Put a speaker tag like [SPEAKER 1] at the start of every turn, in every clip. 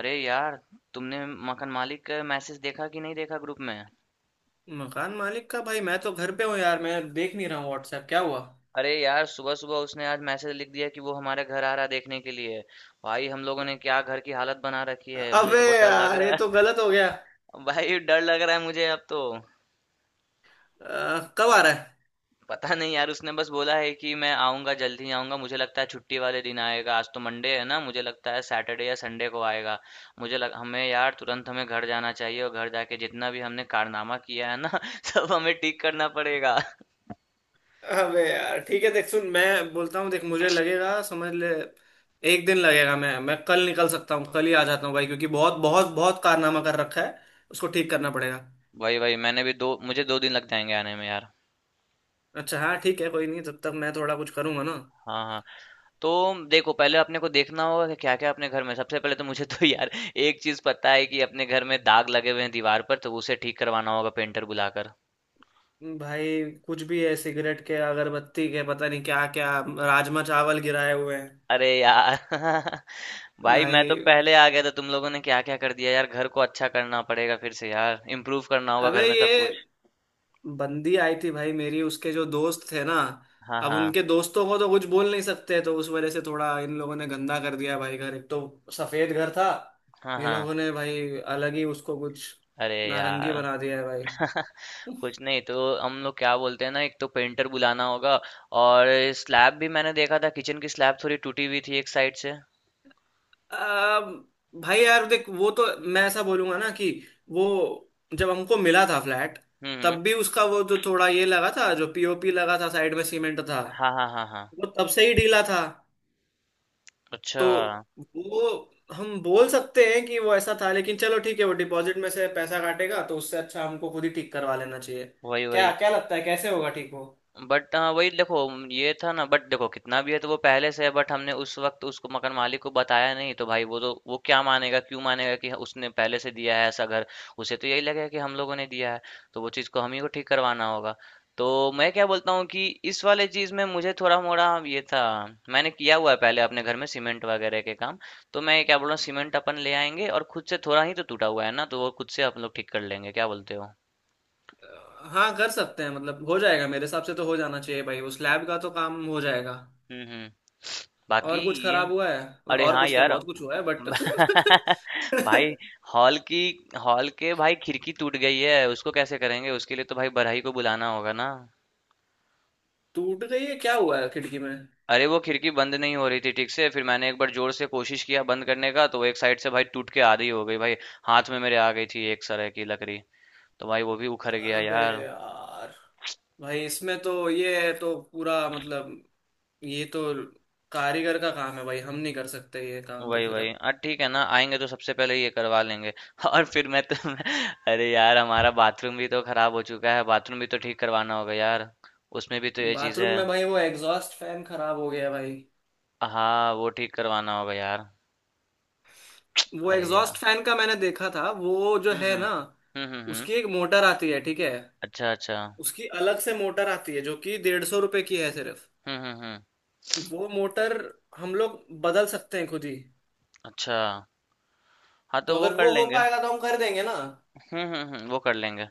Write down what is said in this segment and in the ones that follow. [SPEAKER 1] अरे यार तुमने मकान मालिक का मैसेज देखा कि नहीं देखा ग्रुप में?
[SPEAKER 2] मकान मालिक का भाई मैं तो घर पे हूँ यार। मैं देख नहीं रहा हूँ व्हाट्सएप। क्या हुआ?
[SPEAKER 1] अरे यार सुबह सुबह उसने आज मैसेज लिख दिया कि वो हमारे घर आ रहा है देखने के लिए। भाई हम लोगों ने क्या घर की हालत बना रखी है, मुझे
[SPEAKER 2] अबे
[SPEAKER 1] तो बहुत डर लग
[SPEAKER 2] यार
[SPEAKER 1] रहा
[SPEAKER 2] ये
[SPEAKER 1] है।
[SPEAKER 2] तो गलत हो गया।
[SPEAKER 1] भाई डर लग रहा है मुझे अब तो।
[SPEAKER 2] कब आ रहा है?
[SPEAKER 1] पता नहीं यार, उसने बस बोला है कि मैं आऊंगा जल्दी ही आऊंगा। मुझे लगता है छुट्टी वाले दिन आएगा। आज तो मंडे है ना, मुझे लगता है सैटरडे या संडे को आएगा। मुझे लग हमें यार तुरंत हमें घर जाना चाहिए और घर जाके जितना भी हमने कारनामा किया है ना सब हमें ठीक करना पड़ेगा।
[SPEAKER 2] अबे यार ठीक है। देख सुन मैं बोलता हूँ, देख मुझे लगेगा समझ ले। एक दिन लगेगा। मैं कल निकल सकता हूँ, कल ही आ जाता हूँ भाई, क्योंकि बहुत बहुत बहुत कारनामा कर रखा है। उसको ठीक करना पड़ेगा।
[SPEAKER 1] वही, वही। मैंने भी 2 मुझे 2 दिन लग जाएँगे आने में यार।
[SPEAKER 2] अच्छा हाँ ठीक है, कोई नहीं, तब तक मैं थोड़ा कुछ करूंगा ना।
[SPEAKER 1] हाँ, हाँ। तो देखो पहले अपने को देखना होगा कि क्या-क्या अपने घर में। सबसे पहले तो मुझे तो यार एक चीज़ पता है कि अपने घर में दाग लगे हुए हैं दीवार पर, तो उसे ठीक करवाना होगा पेंटर बुलाकर।
[SPEAKER 2] भाई कुछ भी है, सिगरेट के, अगरबत्ती के, पता नहीं क्या क्या, राजमा चावल गिराए हुए हैं
[SPEAKER 1] अरे यार! भाई मैं तो पहले
[SPEAKER 2] भाई।
[SPEAKER 1] आ गया था, तुम लोगों ने क्या-क्या कर दिया यार। घर को अच्छा करना पड़ेगा फिर से यार। इम्प्रूव करना होगा
[SPEAKER 2] अबे
[SPEAKER 1] घर में सब
[SPEAKER 2] ये
[SPEAKER 1] कुछ।
[SPEAKER 2] बंदी आई थी भाई मेरी, उसके जो दोस्त थे ना,
[SPEAKER 1] हाँ,
[SPEAKER 2] अब
[SPEAKER 1] हाँ।
[SPEAKER 2] उनके दोस्तों को तो कुछ बोल नहीं सकते, तो उस वजह से थोड़ा इन लोगों ने गंदा कर दिया भाई घर। एक तो सफेद घर था,
[SPEAKER 1] हाँ,
[SPEAKER 2] ये
[SPEAKER 1] हाँ।
[SPEAKER 2] लोगों ने भाई अलग ही उसको कुछ
[SPEAKER 1] अरे
[SPEAKER 2] नारंगी
[SPEAKER 1] यार!
[SPEAKER 2] बना दिया है भाई।
[SPEAKER 1] कुछ नहीं तो हम लोग क्या बोलते हैं ना, एक तो पेंटर बुलाना होगा। और स्लैब भी मैंने देखा था, किचन की स्लैब थोड़ी टूटी हुई थी एक साइड से।
[SPEAKER 2] अब भाई यार देख, वो तो मैं ऐसा बोलूंगा ना कि वो जब हमको मिला था फ्लैट,
[SPEAKER 1] हम्म।
[SPEAKER 2] तब भी उसका वो जो थोड़ा ये लगा था, जो पीओपी लगा था, साइड में सीमेंट था,
[SPEAKER 1] हाँ हाँ हाँ हाँ।
[SPEAKER 2] वो तब से ही ढीला था।
[SPEAKER 1] अच्छा।
[SPEAKER 2] तो वो हम बोल सकते हैं कि वो ऐसा था, लेकिन चलो ठीक है, वो डिपॉजिट में से पैसा काटेगा, तो उससे अच्छा हमको खुद ही ठीक करवा लेना चाहिए।
[SPEAKER 1] वही
[SPEAKER 2] क्या
[SPEAKER 1] वही।
[SPEAKER 2] क्या लगता है कैसे होगा ठीक वो?
[SPEAKER 1] बट हाँ वही देखो, ये था ना, बट देखो कितना भी है तो वो पहले से है। बट हमने उस वक्त उसको मकान मालिक को बताया नहीं, तो भाई वो तो वो क्या मानेगा, क्यों मानेगा कि उसने पहले से दिया है ऐसा घर। उसे तो यही लगेगा कि हम लोगों ने दिया है। तो वो चीज़ को हम ही को ठीक करवाना होगा। तो मैं क्या बोलता हूँ कि इस वाले चीज़ में मुझे थोड़ा मोड़ा ये था, मैंने किया हुआ है पहले अपने घर में सीमेंट वगैरह के काम। तो मैं क्या बोल रहा हूँ, सीमेंट अपन ले आएंगे और खुद से थोड़ा ही तो टूटा हुआ है ना, तो वो खुद से आप लोग ठीक कर लेंगे, क्या बोलते हो?
[SPEAKER 2] अ, हाँ कर सकते हैं, मतलब हो जाएगा मेरे हिसाब से, तो हो जाना चाहिए भाई। उस लैब का तो काम हो जाएगा।
[SPEAKER 1] हम्म। बाकी
[SPEAKER 2] और कुछ
[SPEAKER 1] ये
[SPEAKER 2] खराब हुआ है,
[SPEAKER 1] अरे
[SPEAKER 2] और
[SPEAKER 1] हाँ
[SPEAKER 2] कुछ क्या,
[SPEAKER 1] यार
[SPEAKER 2] बहुत कुछ हुआ है बट
[SPEAKER 1] भाई हॉल की हॉल के भाई खिड़की टूट गई है, उसको कैसे करेंगे? उसके लिए तो भाई बड़हई को बुलाना होगा ना।
[SPEAKER 2] टूट गई है? क्या हुआ है खिड़की में?
[SPEAKER 1] अरे वो खिड़की बंद नहीं हो रही थी ठीक से, फिर मैंने एक बार जोर से कोशिश किया बंद करने का, तो वो एक साइड से भाई टूट के आधी हो गई भाई। हाथ में मेरे आ गई थी एक तरह की लकड़ी, तो भाई वो भी उखड़ गया
[SPEAKER 2] अबे
[SPEAKER 1] यार।
[SPEAKER 2] यार। भाई इसमें तो ये तो पूरा मतलब ये तो कारीगर का काम है भाई, हम नहीं कर सकते ये काम, तो
[SPEAKER 1] वही
[SPEAKER 2] फिर
[SPEAKER 1] वही,
[SPEAKER 2] अब।
[SPEAKER 1] हाँ ठीक है ना, आएंगे तो सबसे पहले ये करवा लेंगे और फिर मैं तो अरे यार हमारा बाथरूम भी तो खराब हो चुका है, बाथरूम भी तो ठीक करवाना होगा यार। उसमें भी तो ये चीज़
[SPEAKER 2] बाथरूम
[SPEAKER 1] है।
[SPEAKER 2] में भाई वो एग्जॉस्ट फैन खराब हो गया भाई।
[SPEAKER 1] हाँ, वो ठीक करवाना होगा यार।
[SPEAKER 2] वो
[SPEAKER 1] अरे यार।
[SPEAKER 2] एग्जॉस्ट फैन का मैंने देखा था, वो जो
[SPEAKER 1] हुँ,
[SPEAKER 2] है
[SPEAKER 1] हुँ।
[SPEAKER 2] ना,
[SPEAKER 1] हुँ, हुँ, हुँ।
[SPEAKER 2] उसकी एक मोटर आती है, ठीक है?
[SPEAKER 1] अच्छा, अच्छा।
[SPEAKER 2] उसकी अलग से मोटर आती है, जो कि 150 रुपए की है सिर्फ।
[SPEAKER 1] हुँ, हुँ, हुँ।
[SPEAKER 2] वो मोटर हम लोग बदल सकते हैं खुद ही।
[SPEAKER 1] अच्छा। हाँ,
[SPEAKER 2] तो
[SPEAKER 1] तो वो
[SPEAKER 2] अगर
[SPEAKER 1] कर
[SPEAKER 2] वो हो
[SPEAKER 1] लेंगे।
[SPEAKER 2] पाएगा तो हम कर देंगे ना।
[SPEAKER 1] हुँ, हुँ, हुँ। वो कर लेंगे।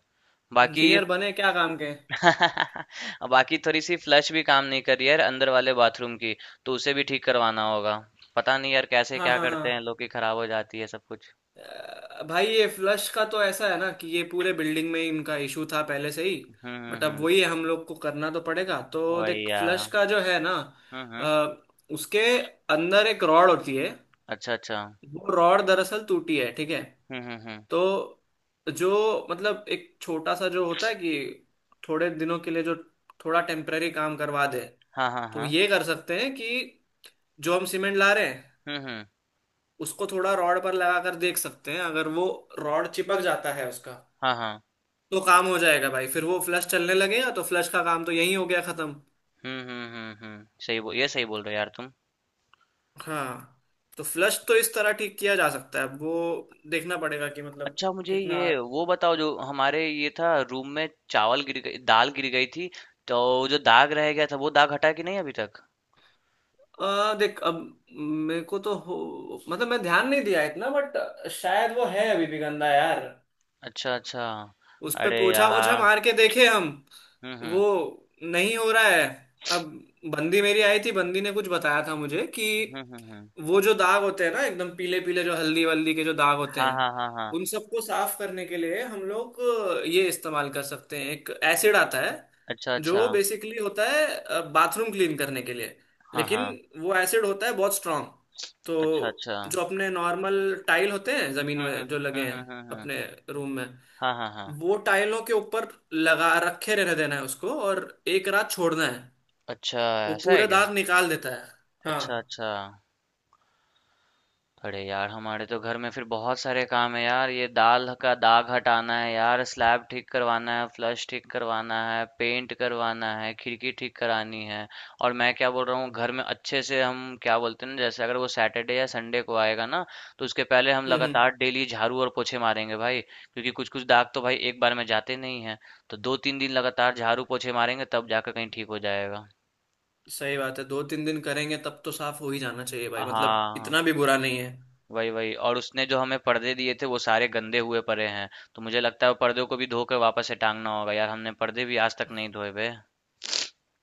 [SPEAKER 1] बाकी
[SPEAKER 2] इंजीनियर बने क्या काम के।
[SPEAKER 1] बाकी थोड़ी-सी फ्लश भी काम नहीं कर रही है यार अंदर वाले बाथरूम की, तो उसे भी ठीक करवाना होगा। पता नहीं यार कैसे
[SPEAKER 2] हाँ
[SPEAKER 1] क्या
[SPEAKER 2] हाँ हाँ।
[SPEAKER 1] करते हैं लोग कि खराब हो जाती है सब कुछ।
[SPEAKER 2] भाई ये फ्लश का तो ऐसा है ना कि ये पूरे बिल्डिंग में इनका इशू था पहले से ही।
[SPEAKER 1] हुँ, हुँ,
[SPEAKER 2] बट अब
[SPEAKER 1] हुँ।
[SPEAKER 2] वही है, हम लोग को करना तो पड़ेगा। तो
[SPEAKER 1] वही
[SPEAKER 2] देख
[SPEAKER 1] यार।
[SPEAKER 2] फ्लश का जो है ना,
[SPEAKER 1] हुँ, हुँ।
[SPEAKER 2] अ, उसके अंदर एक रॉड होती है।
[SPEAKER 1] अच्छा, अच्छा।
[SPEAKER 2] वो रॉड दरअसल टूटी है, ठीक है?
[SPEAKER 1] हुँ, हुँ, हुँ।
[SPEAKER 2] तो जो मतलब एक छोटा सा जो होता है कि थोड़े दिनों के लिए जो थोड़ा टेम्पररी काम करवा दे,
[SPEAKER 1] हाँ, हाँ,
[SPEAKER 2] तो
[SPEAKER 1] हाँ।
[SPEAKER 2] ये कर सकते हैं कि जो हम सीमेंट ला रहे हैं,
[SPEAKER 1] हुँ, हुँ।
[SPEAKER 2] उसको थोड़ा रॉड पर लगा कर देख सकते हैं। अगर वो रॉड चिपक जाता है उसका,
[SPEAKER 1] हाँ, हाँ।
[SPEAKER 2] तो काम हो जाएगा भाई, फिर वो फ्लश चलने लगेगा। तो फ्लश का काम तो यही हो गया खत्म।
[SPEAKER 1] हुँ, हुँ, हुँ, हुँ। सही बो ये सही बोल रहे हो यार तुम।
[SPEAKER 2] हाँ तो फ्लश तो इस तरह ठीक किया जा सकता है। अब वो देखना पड़ेगा कि मतलब
[SPEAKER 1] अच्छा, मुझे ये
[SPEAKER 2] कितना।
[SPEAKER 1] वो बताओ, जो हमारे ये था रूम में चावल गिर गई दाल गिर गई थी, तो जो दाग रह गया था वो दाग हटा कि नहीं अभी तक?
[SPEAKER 2] देख अब मेरे को तो हो, मतलब मैं ध्यान नहीं दिया इतना, बट शायद वो है अभी भी गंदा यार।
[SPEAKER 1] अच्छा अच्छा।
[SPEAKER 2] उस पे
[SPEAKER 1] अरे
[SPEAKER 2] पोछा ओछा
[SPEAKER 1] यार।
[SPEAKER 2] मार के देखे हम,
[SPEAKER 1] हम्म
[SPEAKER 2] वो
[SPEAKER 1] हम्म
[SPEAKER 2] नहीं हो रहा है। अब बंदी मेरी आई थी, बंदी ने कुछ बताया था मुझे कि
[SPEAKER 1] हम्म। हम्म।
[SPEAKER 2] वो जो दाग होते हैं ना एकदम पीले पीले, जो हल्दी वल्दी के जो दाग होते
[SPEAKER 1] हाँ
[SPEAKER 2] हैं,
[SPEAKER 1] हाँ हाँ हाँ।
[SPEAKER 2] उन सबको साफ करने के लिए हम लोग ये इस्तेमाल कर सकते हैं। एक एसिड आता है
[SPEAKER 1] अच्छा अच्छा।
[SPEAKER 2] जो बेसिकली होता है बाथरूम क्लीन करने के लिए,
[SPEAKER 1] हाँ
[SPEAKER 2] लेकिन
[SPEAKER 1] हाँ।
[SPEAKER 2] वो एसिड होता है बहुत स्ट्रांग। तो
[SPEAKER 1] अच्छा अच्छा।
[SPEAKER 2] जो अपने नॉर्मल टाइल होते हैं जमीन में जो लगे हैं,
[SPEAKER 1] हम्म।
[SPEAKER 2] अपने रूम में,
[SPEAKER 1] हाँ हाँ हाँ।
[SPEAKER 2] वो टाइलों के ऊपर लगा रखे रहने देना है उसको, और एक रात छोड़ना है।
[SPEAKER 1] अच्छा।
[SPEAKER 2] वो
[SPEAKER 1] ऐसा है
[SPEAKER 2] पूरे
[SPEAKER 1] क्या?
[SPEAKER 2] दाग निकाल देता है। हाँ।
[SPEAKER 1] अच्छा अच्छा। अरे यार हमारे तो घर में फिर बहुत सारे काम है यार, ये दाल का दाग हटाना है यार, स्लैब ठीक करवाना है, फ्लश ठीक करवाना है, पेंट करवाना है, खिड़की ठीक करानी है। और मैं क्या बोल रहा हूँ, घर में अच्छे से हम क्या बोलते हैं ना, जैसे अगर वो सैटरडे या संडे को आएगा ना, तो उसके पहले हम
[SPEAKER 2] हम्म।
[SPEAKER 1] लगातार डेली झाड़ू और पोछे मारेंगे भाई, क्योंकि कुछ कुछ दाग तो भाई एक बार में जाते नहीं है। तो दो तीन दिन लगातार झाड़ू पोछे मारेंगे, तब जाकर कहीं ठीक हो जाएगा।
[SPEAKER 2] सही बात है, दो तीन दिन करेंगे तब तो साफ हो ही जाना चाहिए भाई, मतलब
[SPEAKER 1] हाँ।
[SPEAKER 2] इतना भी बुरा नहीं है।
[SPEAKER 1] वही वही, और उसने जो हमें पर्दे दिए थे वो सारे गंदे हुए पड़े हैं। तो मुझे लगता है वो पर्दों को भी धोकर वापस से टांगना होगा यार, हमने पर्दे भी आज तक नहीं धोए हुए।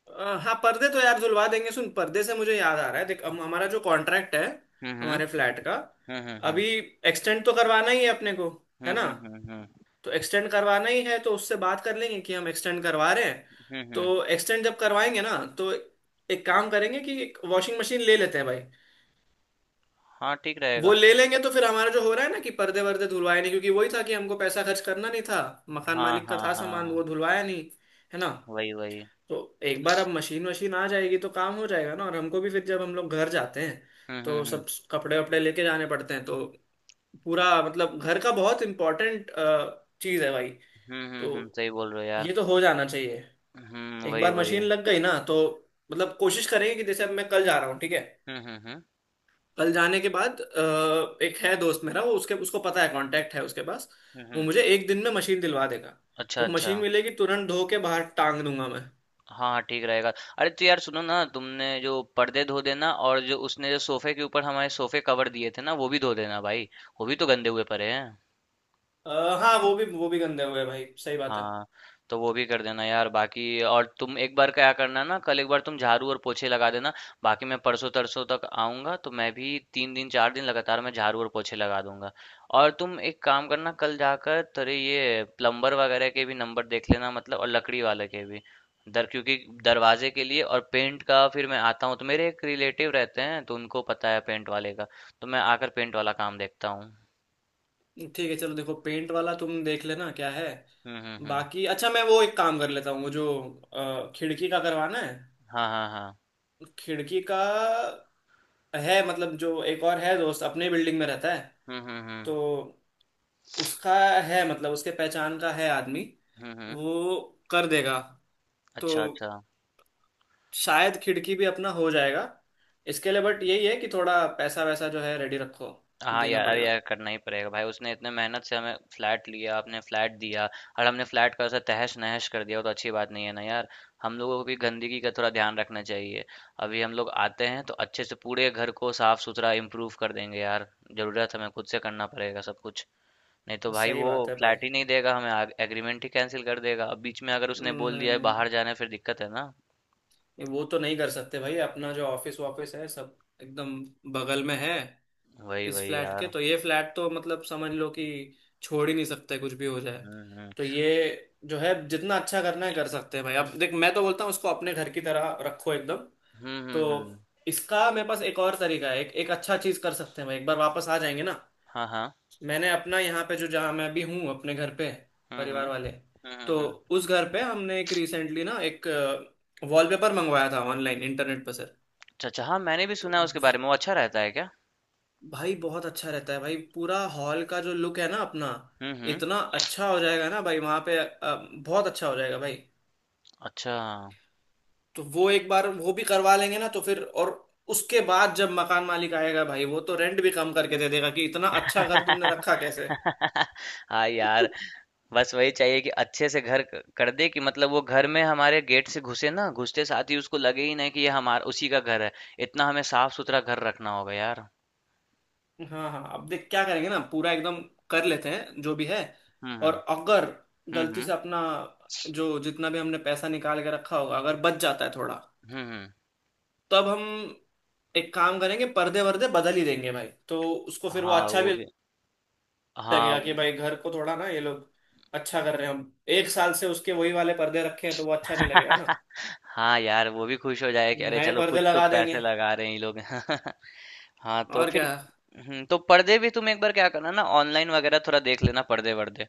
[SPEAKER 2] हाँ पर्दे तो यार धुलवा देंगे। सुन, पर्दे से मुझे याद आ रहा है, देख हम हमारा जो कॉन्ट्रैक्ट है
[SPEAKER 1] हम्म।
[SPEAKER 2] हमारे फ्लैट का,
[SPEAKER 1] हम्म।
[SPEAKER 2] अभी एक्सटेंड तो करवाना ही है अपने को, है ना?
[SPEAKER 1] हम्म।
[SPEAKER 2] तो एक्सटेंड करवाना ही है, तो उससे बात कर लेंगे कि हम एक्सटेंड करवा रहे हैं।
[SPEAKER 1] हम्म, हम्म।
[SPEAKER 2] तो एक्सटेंड जब करवाएंगे ना, तो एक काम करेंगे कि एक वॉशिंग मशीन ले लेते हैं भाई।
[SPEAKER 1] हाँ ठीक
[SPEAKER 2] वो
[SPEAKER 1] रहेगा।
[SPEAKER 2] ले लेंगे तो फिर हमारा जो हो रहा है ना कि पर्दे वर्दे धुलवाए नहीं, क्योंकि वही था कि हमको पैसा खर्च करना नहीं था, मकान
[SPEAKER 1] हाँ
[SPEAKER 2] मालिक का
[SPEAKER 1] हाँ
[SPEAKER 2] था
[SPEAKER 1] हाँ
[SPEAKER 2] सामान,
[SPEAKER 1] हाँ।
[SPEAKER 2] वो धुलवाया नहीं, है ना?
[SPEAKER 1] वही वही।
[SPEAKER 2] तो एक बार अब मशीन वशीन आ जाएगी तो काम हो जाएगा ना, और हमको भी फिर जब हम लोग घर जाते हैं
[SPEAKER 1] हम्म
[SPEAKER 2] तो
[SPEAKER 1] हम्म हम्म
[SPEAKER 2] सब कपड़े वपड़े लेके जाने पड़ते हैं। तो पूरा मतलब घर का बहुत इम्पोर्टेंट चीज़ है भाई। तो
[SPEAKER 1] सही बोल रहे हो यार।
[SPEAKER 2] ये तो हो जाना चाहिए।
[SPEAKER 1] हम्म,
[SPEAKER 2] एक
[SPEAKER 1] वही
[SPEAKER 2] बार
[SPEAKER 1] वही।
[SPEAKER 2] मशीन लग गई ना तो मतलब कोशिश करेंगे कि, जैसे अब मैं कल जा रहा हूँ ठीक है,
[SPEAKER 1] हम्म हम्म हम्म
[SPEAKER 2] कल जाने के बाद एक है दोस्त मेरा, वो उसके उसको पता है, कांटेक्ट है उसके पास,
[SPEAKER 1] हम्म
[SPEAKER 2] वो
[SPEAKER 1] हम्म।
[SPEAKER 2] मुझे एक दिन में मशीन दिलवा देगा।
[SPEAKER 1] अच्छा
[SPEAKER 2] तो
[SPEAKER 1] अच्छा।
[SPEAKER 2] मशीन मिलेगी तुरंत, धो के बाहर टांग दूंगा मैं।
[SPEAKER 1] हाँ हाँ, ठीक रहेगा। अरे तो यार सुनो ना, तुमने जो पर्दे धो देना, और जो उसने जो सोफे के ऊपर हमारे सोफे कवर दिए थे ना वो भी धो देना भाई। वो भी तो गंदे हुए पड़े हैं।
[SPEAKER 2] हाँ वो भी गंदे हुए भाई, सही बात है।
[SPEAKER 1] हाँ, तो वो भी कर देना यार। बाकी और तुम एक बार क्या करना ना, कल एक बार तुम झाड़ू और पोछे लगा देना। बाकी मैं परसों तरसों तक आऊंगा, तो मैं भी तीन दिन चार दिन लगातार मैं झाड़ू और पोछे लगा दूंगा। और तुम एक काम करना, कल जाकर तेरे ये प्लम्बर वगैरह के भी नंबर देख लेना मतलब, और लकड़ी वाले के भी। दर क्योंकि दरवाजे के लिए। और पेंट का फिर मैं आता हूँ, तो मेरे एक रिलेटिव रहते हैं तो उनको पता है पेंट वाले का। तो मैं आकर पेंट वाला काम देखता हूँ।
[SPEAKER 2] ठीक है चलो, देखो पेंट वाला तुम देख लेना क्या है।
[SPEAKER 1] हम्म।
[SPEAKER 2] बाकी अच्छा मैं वो एक काम कर लेता हूँ, वो जो खिड़की का करवाना है।
[SPEAKER 1] हाँ हाँ हाँ।
[SPEAKER 2] खिड़की का है मतलब, जो एक और है दोस्त अपने बिल्डिंग में रहता है,
[SPEAKER 1] हम्म हम्म हम्म
[SPEAKER 2] तो उसका है मतलब उसके पहचान का है आदमी,
[SPEAKER 1] हम्म।
[SPEAKER 2] वो कर देगा। तो
[SPEAKER 1] अच्छा अच्छा।
[SPEAKER 2] शायद खिड़की भी अपना हो जाएगा इसके लिए, बट यही है कि थोड़ा पैसा वैसा जो है रेडी रखो।
[SPEAKER 1] हाँ
[SPEAKER 2] देना
[SPEAKER 1] यार, अरे
[SPEAKER 2] पड़ेगा,
[SPEAKER 1] यार करना ही पड़ेगा भाई, उसने इतने मेहनत से हमें फ्लैट लिया, आपने फ्लैट दिया। और हमने फ्लैट का ऐसा तहस नहस कर दिया, वो तो अच्छी बात नहीं है ना यार। हम लोगों को भी गंदगी का थोड़ा ध्यान रखना चाहिए। अभी हम लोग आते हैं तो अच्छे से पूरे घर को साफ सुथरा इम्प्रूव कर देंगे यार। जरूरत हमें खुद से करना पड़ेगा सब कुछ, नहीं तो भाई
[SPEAKER 2] सही
[SPEAKER 1] वो
[SPEAKER 2] बात है भाई।
[SPEAKER 1] फ्लैट ही नहीं देगा हमें, एग्रीमेंट ही कैंसिल कर देगा। अब बीच में अगर उसने बोल
[SPEAKER 2] नहीं
[SPEAKER 1] दिया है
[SPEAKER 2] नहीं
[SPEAKER 1] बाहर जाना है, फिर दिक्कत है ना।
[SPEAKER 2] वो तो नहीं कर सकते भाई, अपना जो ऑफिस वॉफिस है सब एकदम बगल में है
[SPEAKER 1] वही
[SPEAKER 2] इस
[SPEAKER 1] वही
[SPEAKER 2] फ्लैट के।
[SPEAKER 1] यार।
[SPEAKER 2] तो ये फ्लैट तो मतलब समझ लो कि छोड़ ही नहीं सकते, कुछ भी हो जाए।
[SPEAKER 1] हम्म हम्म
[SPEAKER 2] तो ये जो है जितना अच्छा करना है कर सकते हैं भाई। अब देख मैं तो बोलता हूँ उसको अपने घर की तरह रखो एकदम।
[SPEAKER 1] हम्म
[SPEAKER 2] तो
[SPEAKER 1] हम्म हम्म,
[SPEAKER 2] इसका मेरे पास एक और तरीका है, एक एक अच्छा चीज कर सकते हैं भाई, एक बार वापस आ जाएंगे ना।
[SPEAKER 1] हाँ हाँ।
[SPEAKER 2] मैंने अपना यहाँ पे, जो जहाँ मैं अभी हूँ अपने घर पे,
[SPEAKER 1] हम्म
[SPEAKER 2] परिवार
[SPEAKER 1] हम्म
[SPEAKER 2] वाले,
[SPEAKER 1] हम्म
[SPEAKER 2] तो
[SPEAKER 1] हम्म हम्म।
[SPEAKER 2] उस घर पे हमने एक रिसेंटली ना एक वॉलपेपर मंगवाया था ऑनलाइन इंटरनेट पर सर।
[SPEAKER 1] अच्छा, अच्छा। हाँ, मैंने भी
[SPEAKER 2] तो
[SPEAKER 1] सुना है उसके बारे में। वो अच्छा रहता है क्या?
[SPEAKER 2] भाई बहुत अच्छा रहता है भाई, पूरा हॉल का जो लुक है ना अपना,
[SPEAKER 1] हुँ, हुँ।
[SPEAKER 2] इतना अच्छा हो जाएगा ना भाई। वहाँ पे बहुत अच्छा हो जाएगा भाई।
[SPEAKER 1] अच्छा।
[SPEAKER 2] तो वो एक बार वो भी करवा लेंगे ना, तो फिर और उसके बाद जब मकान मालिक आएगा भाई, वो तो रेंट भी कम करके दे देगा कि इतना अच्छा घर तुमने रखा कैसे।
[SPEAKER 1] हाँ यार, बस वही चाहिए कि अच्छे से घर क कर दे, कि मतलब वो घर में हमारे गेट से घुसे ना, घुसते साथ ही उसको लगे ही नहीं कि ये हमार उसी का घर है। इतना हमें साफ-सुथरा घर रखना होगा यार।
[SPEAKER 2] हाँ हाँ अब देख क्या करेंगे ना, पूरा एकदम कर लेते हैं जो भी है।
[SPEAKER 1] हुँ, हुँ।
[SPEAKER 2] और अगर
[SPEAKER 1] हुँ,
[SPEAKER 2] गलती
[SPEAKER 1] हुँ।
[SPEAKER 2] से अपना जो जितना भी हमने पैसा निकाल के रखा होगा अगर बच जाता है थोड़ा,
[SPEAKER 1] हुँ, हुँ।
[SPEAKER 2] तब हम एक काम करेंगे, पर्दे वर्दे बदल ही देंगे भाई। तो उसको फिर वो
[SPEAKER 1] हाँ,
[SPEAKER 2] अच्छा
[SPEAKER 1] वो
[SPEAKER 2] भी
[SPEAKER 1] भी। हाँ,
[SPEAKER 2] लगेगा कि
[SPEAKER 1] वो
[SPEAKER 2] भाई घर को थोड़ा ना ये लोग अच्छा कर रहे हैं। हम एक साल से उसके वही वाले पर्दे रखे हैं, तो वो अच्छा नहीं लगेगा ना।
[SPEAKER 1] हाँ यार, वो भी खुश हो जाए कि अरे
[SPEAKER 2] नए
[SPEAKER 1] चलो
[SPEAKER 2] पर्दे
[SPEAKER 1] कुछ तो
[SPEAKER 2] लगा
[SPEAKER 1] पैसे
[SPEAKER 2] देंगे
[SPEAKER 1] लगा रहे हैं ये लोग हाँ तो
[SPEAKER 2] और
[SPEAKER 1] फिर
[SPEAKER 2] क्या।
[SPEAKER 1] तो पर्दे भी तुम एक बार क्या करना ना, ऑनलाइन वगैरह थोड़ा देख लेना पर्दे वर्दे।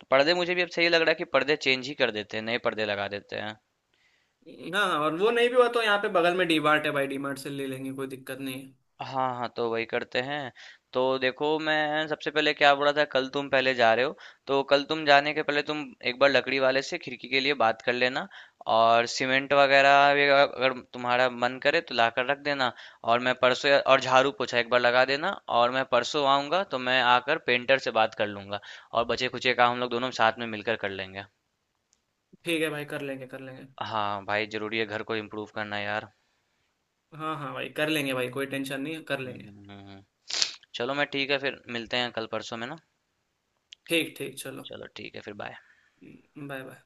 [SPEAKER 1] तो पर्दे मुझे भी अब सही लग रहा है कि पर्दे चेंज ही कर देते हैं, नए पर्दे लगा देते हैं।
[SPEAKER 2] हाँ और वो नहीं भी हुआ तो यहाँ पे बगल में डी मार्ट है भाई, डी मार्ट से ले लेंगे, कोई दिक्कत नहीं है।
[SPEAKER 1] हाँ हाँ, तो वही करते हैं। तो देखो, मैं सबसे पहले क्या बोला था, कल तुम पहले जा रहे हो, तो कल तुम जाने के पहले तुम एक बार लकड़ी वाले से खिड़की के लिए बात कर लेना। और सीमेंट वगैरह भी, अगर अगर तुम्हारा मन करे तो ला कर रख देना। और मैं और झाड़ू पोछा एक बार लगा देना। और मैं परसों आऊँगा तो मैं आकर पेंटर से बात कर लूँगा। और बचे खुचे काम हम लोग दोनों साथ में मिलकर कर लेंगे।
[SPEAKER 2] ठीक है भाई, कर लेंगे कर लेंगे।
[SPEAKER 1] हाँ भाई, जरूरी है घर को इम्प्रूव करना यार।
[SPEAKER 2] हाँ हाँ भाई कर लेंगे भाई, कोई टेंशन नहीं है, कर
[SPEAKER 1] हम्म
[SPEAKER 2] लेंगे।
[SPEAKER 1] हम्म हम्म हम्म। चलो, मैं ठीक है फिर मिलते हैं कल परसों में ना।
[SPEAKER 2] ठीक ठीक चलो।
[SPEAKER 1] चलो ठीक है, फिर बाय।
[SPEAKER 2] Bye bye.